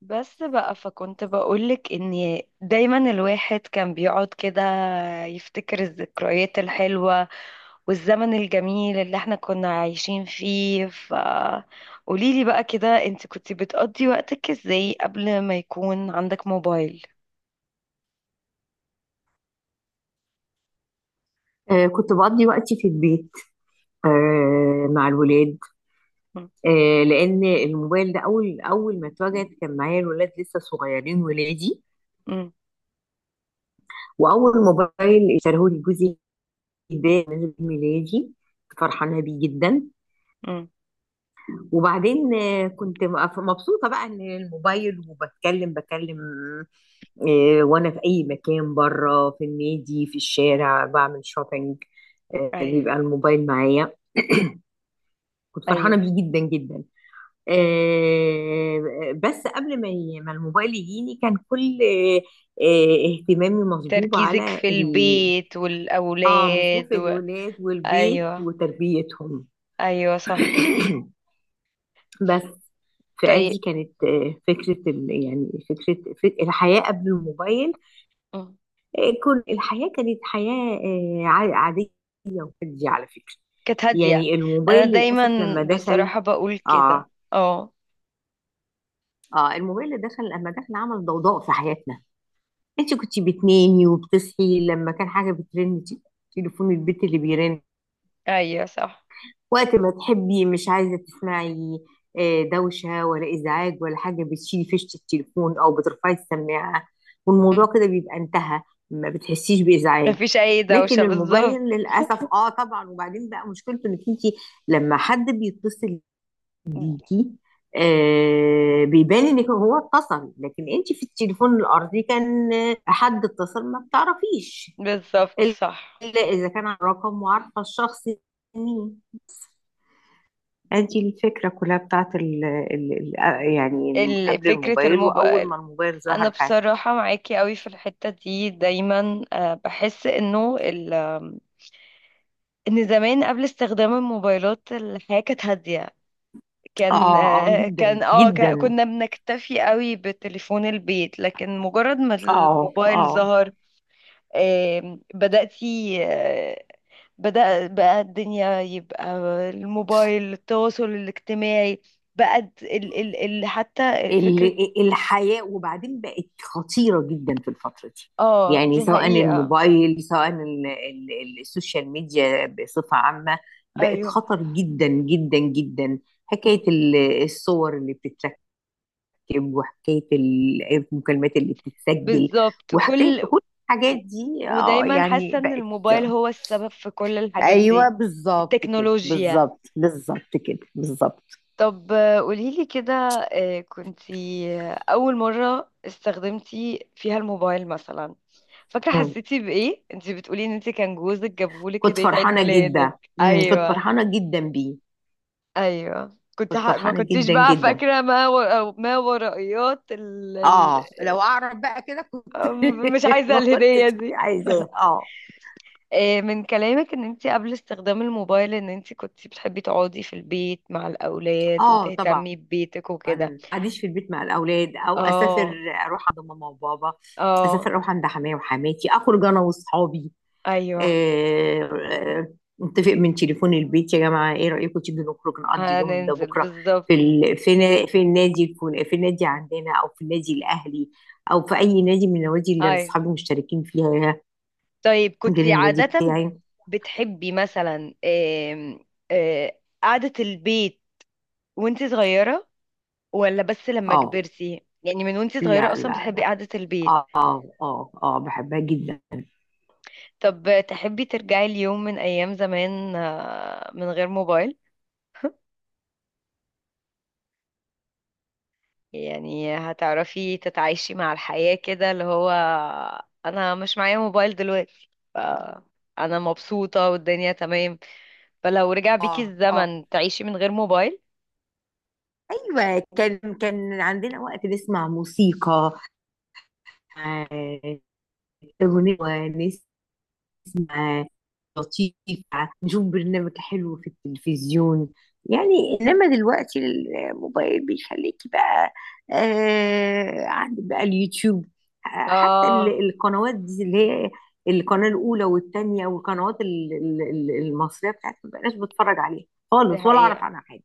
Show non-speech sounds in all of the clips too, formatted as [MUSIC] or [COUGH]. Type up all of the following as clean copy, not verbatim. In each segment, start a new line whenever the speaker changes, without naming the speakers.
بس بقى، فكنت بقولك ان دايما الواحد كان بيقعد كده يفتكر الذكريات الحلوة والزمن الجميل اللي احنا كنا عايشين فيه. قوليلي بقى كده انت كنت بتقضي وقتك ازاي قبل ما يكون عندك موبايل؟
كنت بقضي وقتي في البيت. مع الولاد.
م-
لأن الموبايل ده أول ما اتوجد كان معايا الولاد لسه صغيرين ولادي.
م-
وأول موبايل اشتريه لي جوزي، ده من عيد ميلادي، فرحانة بيه جدا.
م.
وبعدين كنت مبسوطة بقى إن الموبايل، بكلم. وأنا في أي مكان، بره، في النادي، في الشارع، بعمل شوبينج،
ايوه.
بيبقى الموبايل معايا. كنت فرحانة
ايوه،
بيه جدا جدا. بس قبل ما ما الموبايل يجيني كان كل اهتمامي مصبوب
تركيزك
على
في البيت
اه، مصروف
والأولاد و...
الولاد والبيت
ايوه.
وتربيتهم.
ايوه
[COUGHS]
صح.
بس فأدي
طيب.
كانت فكرة يعني فكرة الحياة قبل الموبايل. كل الحياة كانت حياة عادية وهادية على فكرة.
كانت هادية.
يعني
انا
الموبايل
دايما
للأسف لما دخل،
بصراحة بقول كده.
اه
اه.
اه الموبايل اللي دخل لما دخل عمل ضوضاء في حياتنا. انت كنتي بتنامي وبتصحي لما كان حاجه بترن، تليفون البيت اللي بيرن.
ايوه صح.
وقت ما تحبي مش عايزه تسمعي دوشه ولا ازعاج ولا حاجه، بتشيلي فيشه التليفون او بترفعي السماعه والموضوع
مم.
كده بيبقى انتهى. ما بتحسيش بازعاج.
مفيش اي دوشة
لكن الموبايل
بالظبط.
للاسف، اه طبعا، وبعدين بقى مشكلته انك انت لما حد بيتصل ديكي، آه، بيبان ان هو اتصل. لكن انت في التليفون الارضي كان حد اتصل ما بتعرفيش،
بالظبط صح.
الا اذا كان على الرقم وعارفه الشخص مين. ادي الفكره كلها بتاعت ال يعني قبل
فكرة
الموبايل، واول
الموبايل.
ما الموبايل ظهر
انا
في حياتي.
بصراحة معاكي قوي في الحتة دي دايما، بحس انه ال آم، ان زمان قبل استخدام الموبايلات الحياة كانت هادية. كان،
اه جدا جدا.
كنا بنكتفي قوي بتليفون البيت، لكن مجرد ما
اه
الموبايل
اه
ظهر آم، بدأتي آه، بدأ بقى الدنيا، يبقى الموبايل، التواصل الاجتماعي، بقى ال ال ال حتى فكرة.
الحياة وبعدين بقت خطيرة جدا في الفترة دي.
اه
يعني
دي
سواء
حقيقة.
الموبايل، سواء السوشيال ميديا بصفة عامة، بقت
ايوه
خطر جدا جدا جدا. حكاية الصور اللي بتتركب، وحكاية المكالمات اللي بتتسجل،
بالظبط.
وحكاية
كل،
كل الحاجات دي، اه
ودايما
يعني
حاسة ان
بقت.
الموبايل هو السبب في كل الحاجات
ايوه
دي،
بالظبط كده،
التكنولوجيا.
بالظبط، بالظبط كده، بالظبط.
طب قوليلي كده، آه، كنتي آه، أول مرة استخدمتي فيها الموبايل مثلا، فاكرة
مم.
حسيتي بإيه؟ انتي بتقولي ان انتي كان جوزك جابهولك
كنت
هدية عيد
فرحانة جدا.
ميلادك.
مم. كنت
ايوه.
فرحانة جدا بيه.
ايوه كنت
كنت
ما
فرحانة
كنتيش
جدا
بقى
جدا.
فاكرة ما ما ورائيات
اه، لو اعرف بقى كده كنت
مش
[LAUGHS]
عايزة
ما
الهدية
كنتش
دي.
عايزاه. اه.
من كلامك ان انتي قبل استخدام الموبايل ان انتي كنتي بتحبي تقعدي في البيت مع الأولاد
اه طبعا.
وتهتمي ببيتك وكده.
قعديش في البيت مع الاولاد او اسافر،
اه
اروح عند ماما وبابا.
اه.
اسافر اروح عند حماية وحماتي، اخرج انا واصحابي.
ايوه
آه، آه، نتفق من تليفون البيت يا جماعه، ايه رايكم تيجي نخرج نقضي اليوم ده
هننزل
بكره،
بالظبط.
في في، في النادي، في النادي عندنا، او في النادي الاهلي، او في اي نادي من النوادي اللي
ايوه.
اصحابي مشتركين فيها،
طيب كنت
غير النادي
عادة
بتاعي.
بتحبي مثلا آم، آه، قعدة البيت وانت صغيرة، ولا بس لما
اه.
كبرتي؟ يعني من وانت صغيرة
لا
اصلا
لا
بتحبي
لا.
قعدة البيت؟
اه بحبها جدا.
طب تحبي ترجعي اليوم من ايام زمان، من غير موبايل؟ يعني هتعرفي تتعايشي مع الحياة كده، اللي هو انا مش معايا موبايل دلوقتي انا مبسوطة والدنيا تمام؟ فلو رجع
اه
بيكي
اه
الزمن تعيشي من غير موبايل؟
ايوه كان عندنا وقت نسمع موسيقى، آه، اغنيه ونسمع معاه لطيفة، نشوف برنامج حلو في التلفزيون. يعني إنما دلوقتي الموبايل بيخليكي بقى، آه، عندك بقى اليوتيوب، حتى
اه
القنوات دي اللي هي القناة الأولى والتانية والقنوات المصرية بتاعتي ما بقاش بتفرج عليها
دي
خالص، ولا أعرف
حقيقة.
عنها حاجة.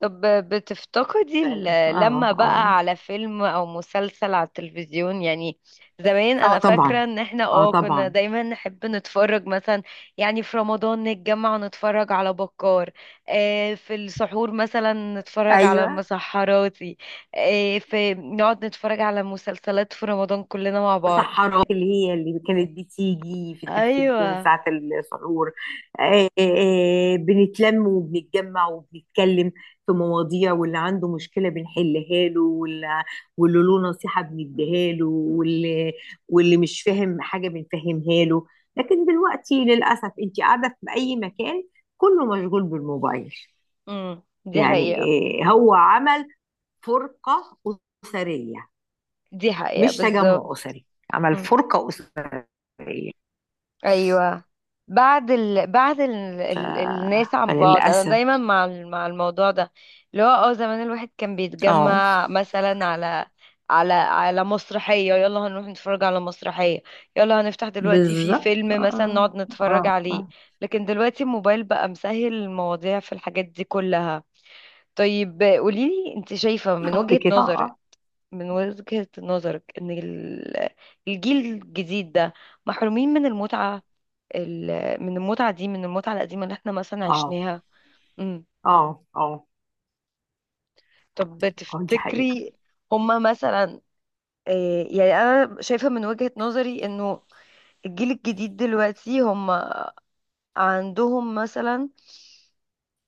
طب بتفتقدي
فعلا.
لما
اه
بقى على فيلم او مسلسل على التلفزيون يعني؟ زمان
اه
انا
طبعا.
فاكرة ان احنا
اه
اه كنا
طبعا.
دايما نحب نتفرج مثلا يعني في رمضان نتجمع ونتفرج على بكار، آه في السحور مثلا نتفرج على
ايوه،
مسحراتي، آه في نقعد نتفرج على مسلسلات في رمضان كلنا مع بعض.
سحرات اللي هي اللي كانت بتيجي في التلفزيون
ايوه.
ساعة السحور. بنتلم وبنتجمع وبنتكلم في مواضيع، واللي عنده مشكلة بنحلها له، واللي له نصيحة بنديها له، واللي مش فاهم حاجة بنفهمها له. لكن دلوقتي للأسف أنت قاعدة في أي مكان كله مشغول بالموبايل،
دي
يعني
حقيقة.
هو عمل فرقة أسرية،
دي حقيقة
مش
بالظبط.
تجمع أسري، عمل فرقة أسرية.
ايوه. بعد
ف...
الناس عن بعض انا
فللأسف.
دايما مع مع الموضوع ده، اللي هو اه زمان الواحد كان
اه.
بيتجمع مثلا على على مسرحية، يلا هنروح نتفرج على مسرحية، يلا هنفتح دلوقتي في
بالظبط.
فيلم مثلا
اه
نقعد نتفرج
اه
عليه.
اه
لكن دلوقتي الموبايل بقى مسهل المواضيع في الحاجات دي كلها. طيب قوليلي، انت شايفة من
بالظبط
وجهة
كده.
نظرك،
اه
من وجهة نظرك، ان الجيل الجديد ده محرومين من المتعة، من المتعة دي، من المتعة القديمة اللي احنا مثلا
اه
عشناها؟ امم.
اه اه
طب
اه دي حقيقة.
تفتكري هما مثلا، يعني انا شايفة من وجهة نظري انه الجيل الجديد دلوقتي هما عندهم مثلا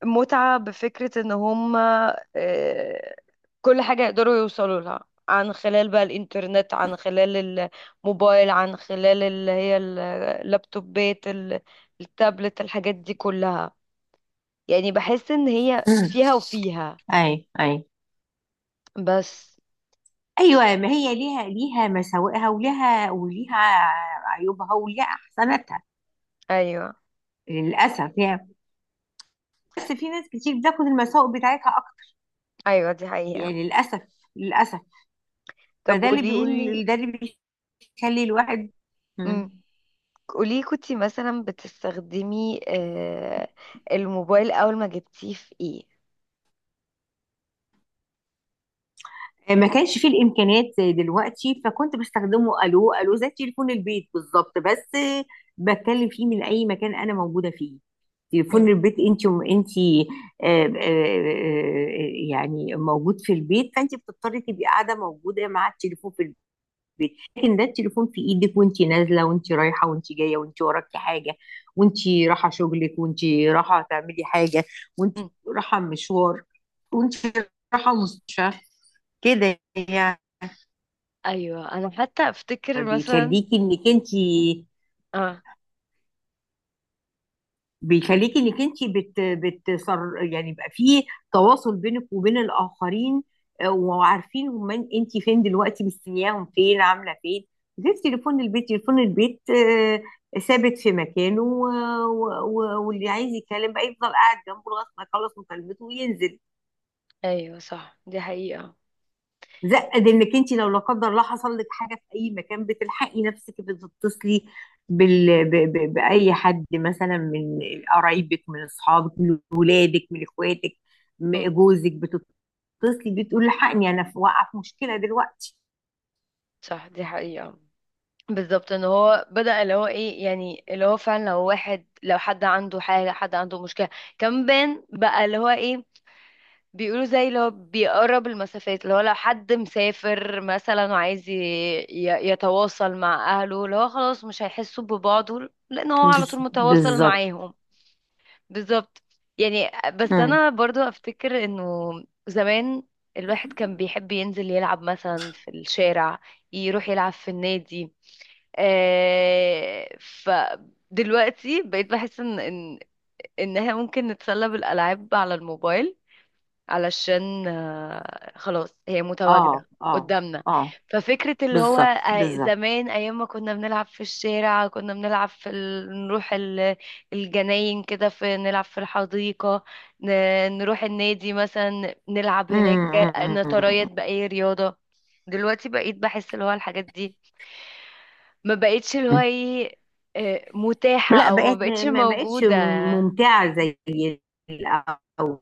متعة بفكرة ان هما، آه، كل حاجة يقدروا يوصلوا لها عن خلال بقى الانترنت، عن خلال الموبايل، عن خلال اللي هي اللابتوبات التابلت، الحاجات دي كلها. يعني بحس ان هي
مم.
فيها وفيها،
اي.
بس.
ايوه، ما هي ليها، مساوئها، وليها عيوبها، وليها احسناتها.
ايوه.
للاسف يعني. بس في ناس كتير بتاخد المساوئ بتاعتها اكتر،
ايوه دي حقيقة.
يعني للاسف، للاسف.
طب
فده اللي
قوليلي،
بيقول، ده اللي بيخلي الواحد.
امم،
مم.
قولي كنتي مثلا بتستخدمي الموبايل اول ما جبتيه في ايه؟
ما كانش فيه الامكانيات زي دلوقتي، فكنت بستخدمه الو الو زي تليفون البيت بالظبط، بس بتكلم فيه من اي مكان انا موجوده فيه. تليفون
مم.
البيت انت يعني موجود في البيت، فانت بتضطري تبقي قاعده موجوده مع التليفون في البيت. لكن ده التليفون في ايدك، وانت نازله، وانت رايحه، وانت جايه، وانت وراكي حاجه، وانت رايحه شغلك، وانت رايحه تعملي حاجه، وانت
مم.
رايحه مشوار، وانت رايحه مستشفى، كده يعني.
ايوه انا حتى افتكر مثلا،
بيخليكي انك انت
اه،
بيخليكي انك انت بتصر يعني، يبقى في تواصل بينك وبين الاخرين. وعارفين هم انت فين دلوقتي، مستنياهم فين، عامله فين. غير تليفون البيت، تليفون البيت ثابت في مكانه، واللي عايز يتكلم بقى يفضل قاعد جنبه لغايه ما يخلص مكالمته وينزل.
ايوه صح دي حقيقة.
زائد انك انت لو لا قدر الله حصل لك حاجه في اي مكان بتلحقي نفسك، بتتصلي باي حد مثلا، من قرايبك، من اصحابك، من ولادك، من اخواتك،
مم.
من جوزك، بتتصلي بتقول لحقني انا في واقعه، في مشكله دلوقتي.
صح دي حقيقة بالظبط، ان هو بدأ اللي هو ايه، يعني اللي هو فعلا لو واحد، لو حد عنده حاجة، حد عنده مشكلة، كان بان بقى اللي هو ايه، بيقولوا زي اللي هو بيقرب المسافات، اللي هو لو حد مسافر مثلا وعايز يتواصل مع أهله، اللي هو خلاص مش هيحسوا ببعضه لأن هو على طول متواصل
بالظبط.
معاهم. بالظبط. يعني بس
مم.
أنا برضو أفتكر إنه زمان الواحد كان بيحب ينزل يلعب مثلا في الشارع، يروح يلعب في النادي. آه فدلوقتي بقيت بحس إن إنها ممكن نتسلى بالألعاب على الموبايل، علشان خلاص هي
اه
متواجدة
اه
قدامنا.
اه
ففكرة اللي هو،
بالظبط، بالظبط.
زمان أيام ما كنا بنلعب في الشارع، كنا بنلعب في نروح الجناين كده، في نلعب في الحديقة، ن... نروح النادي مثلا نلعب
مم،
هناك،
مم، مم،
نتريض
مم،
بأي رياضة. دلوقتي بقيت بحس اللي هو الحاجات دي ما بقيتش اللي هو
مم.
ايه، متاحة،
لا
أو ما
بقت،
بقيتش
ما بقتش
موجودة.
ممتعه زي الاول.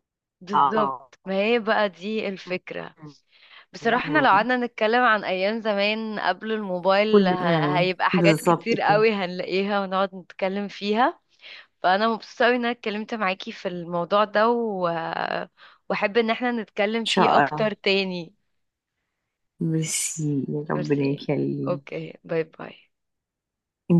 اه.
بالظبط، ما هي بقى دي الفكرة. بصراحة احنا لو
مم.
قعدنا نتكلم عن أيام زمان قبل الموبايل،
مم.
هيبقى حاجات
بالظبط
كتير
كده. ان
قوي هنلاقيها ونقعد نتكلم فيها. فأنا مبسوطة قوي إن أنا اتكلمت معاكي في الموضوع ده، و... وأحب إن احنا نتكلم
شاء
فيه أكتر
الله.
تاني.
ميرسي، يا ربنا
ميرسي.
يخليك.
أوكي، باي باي.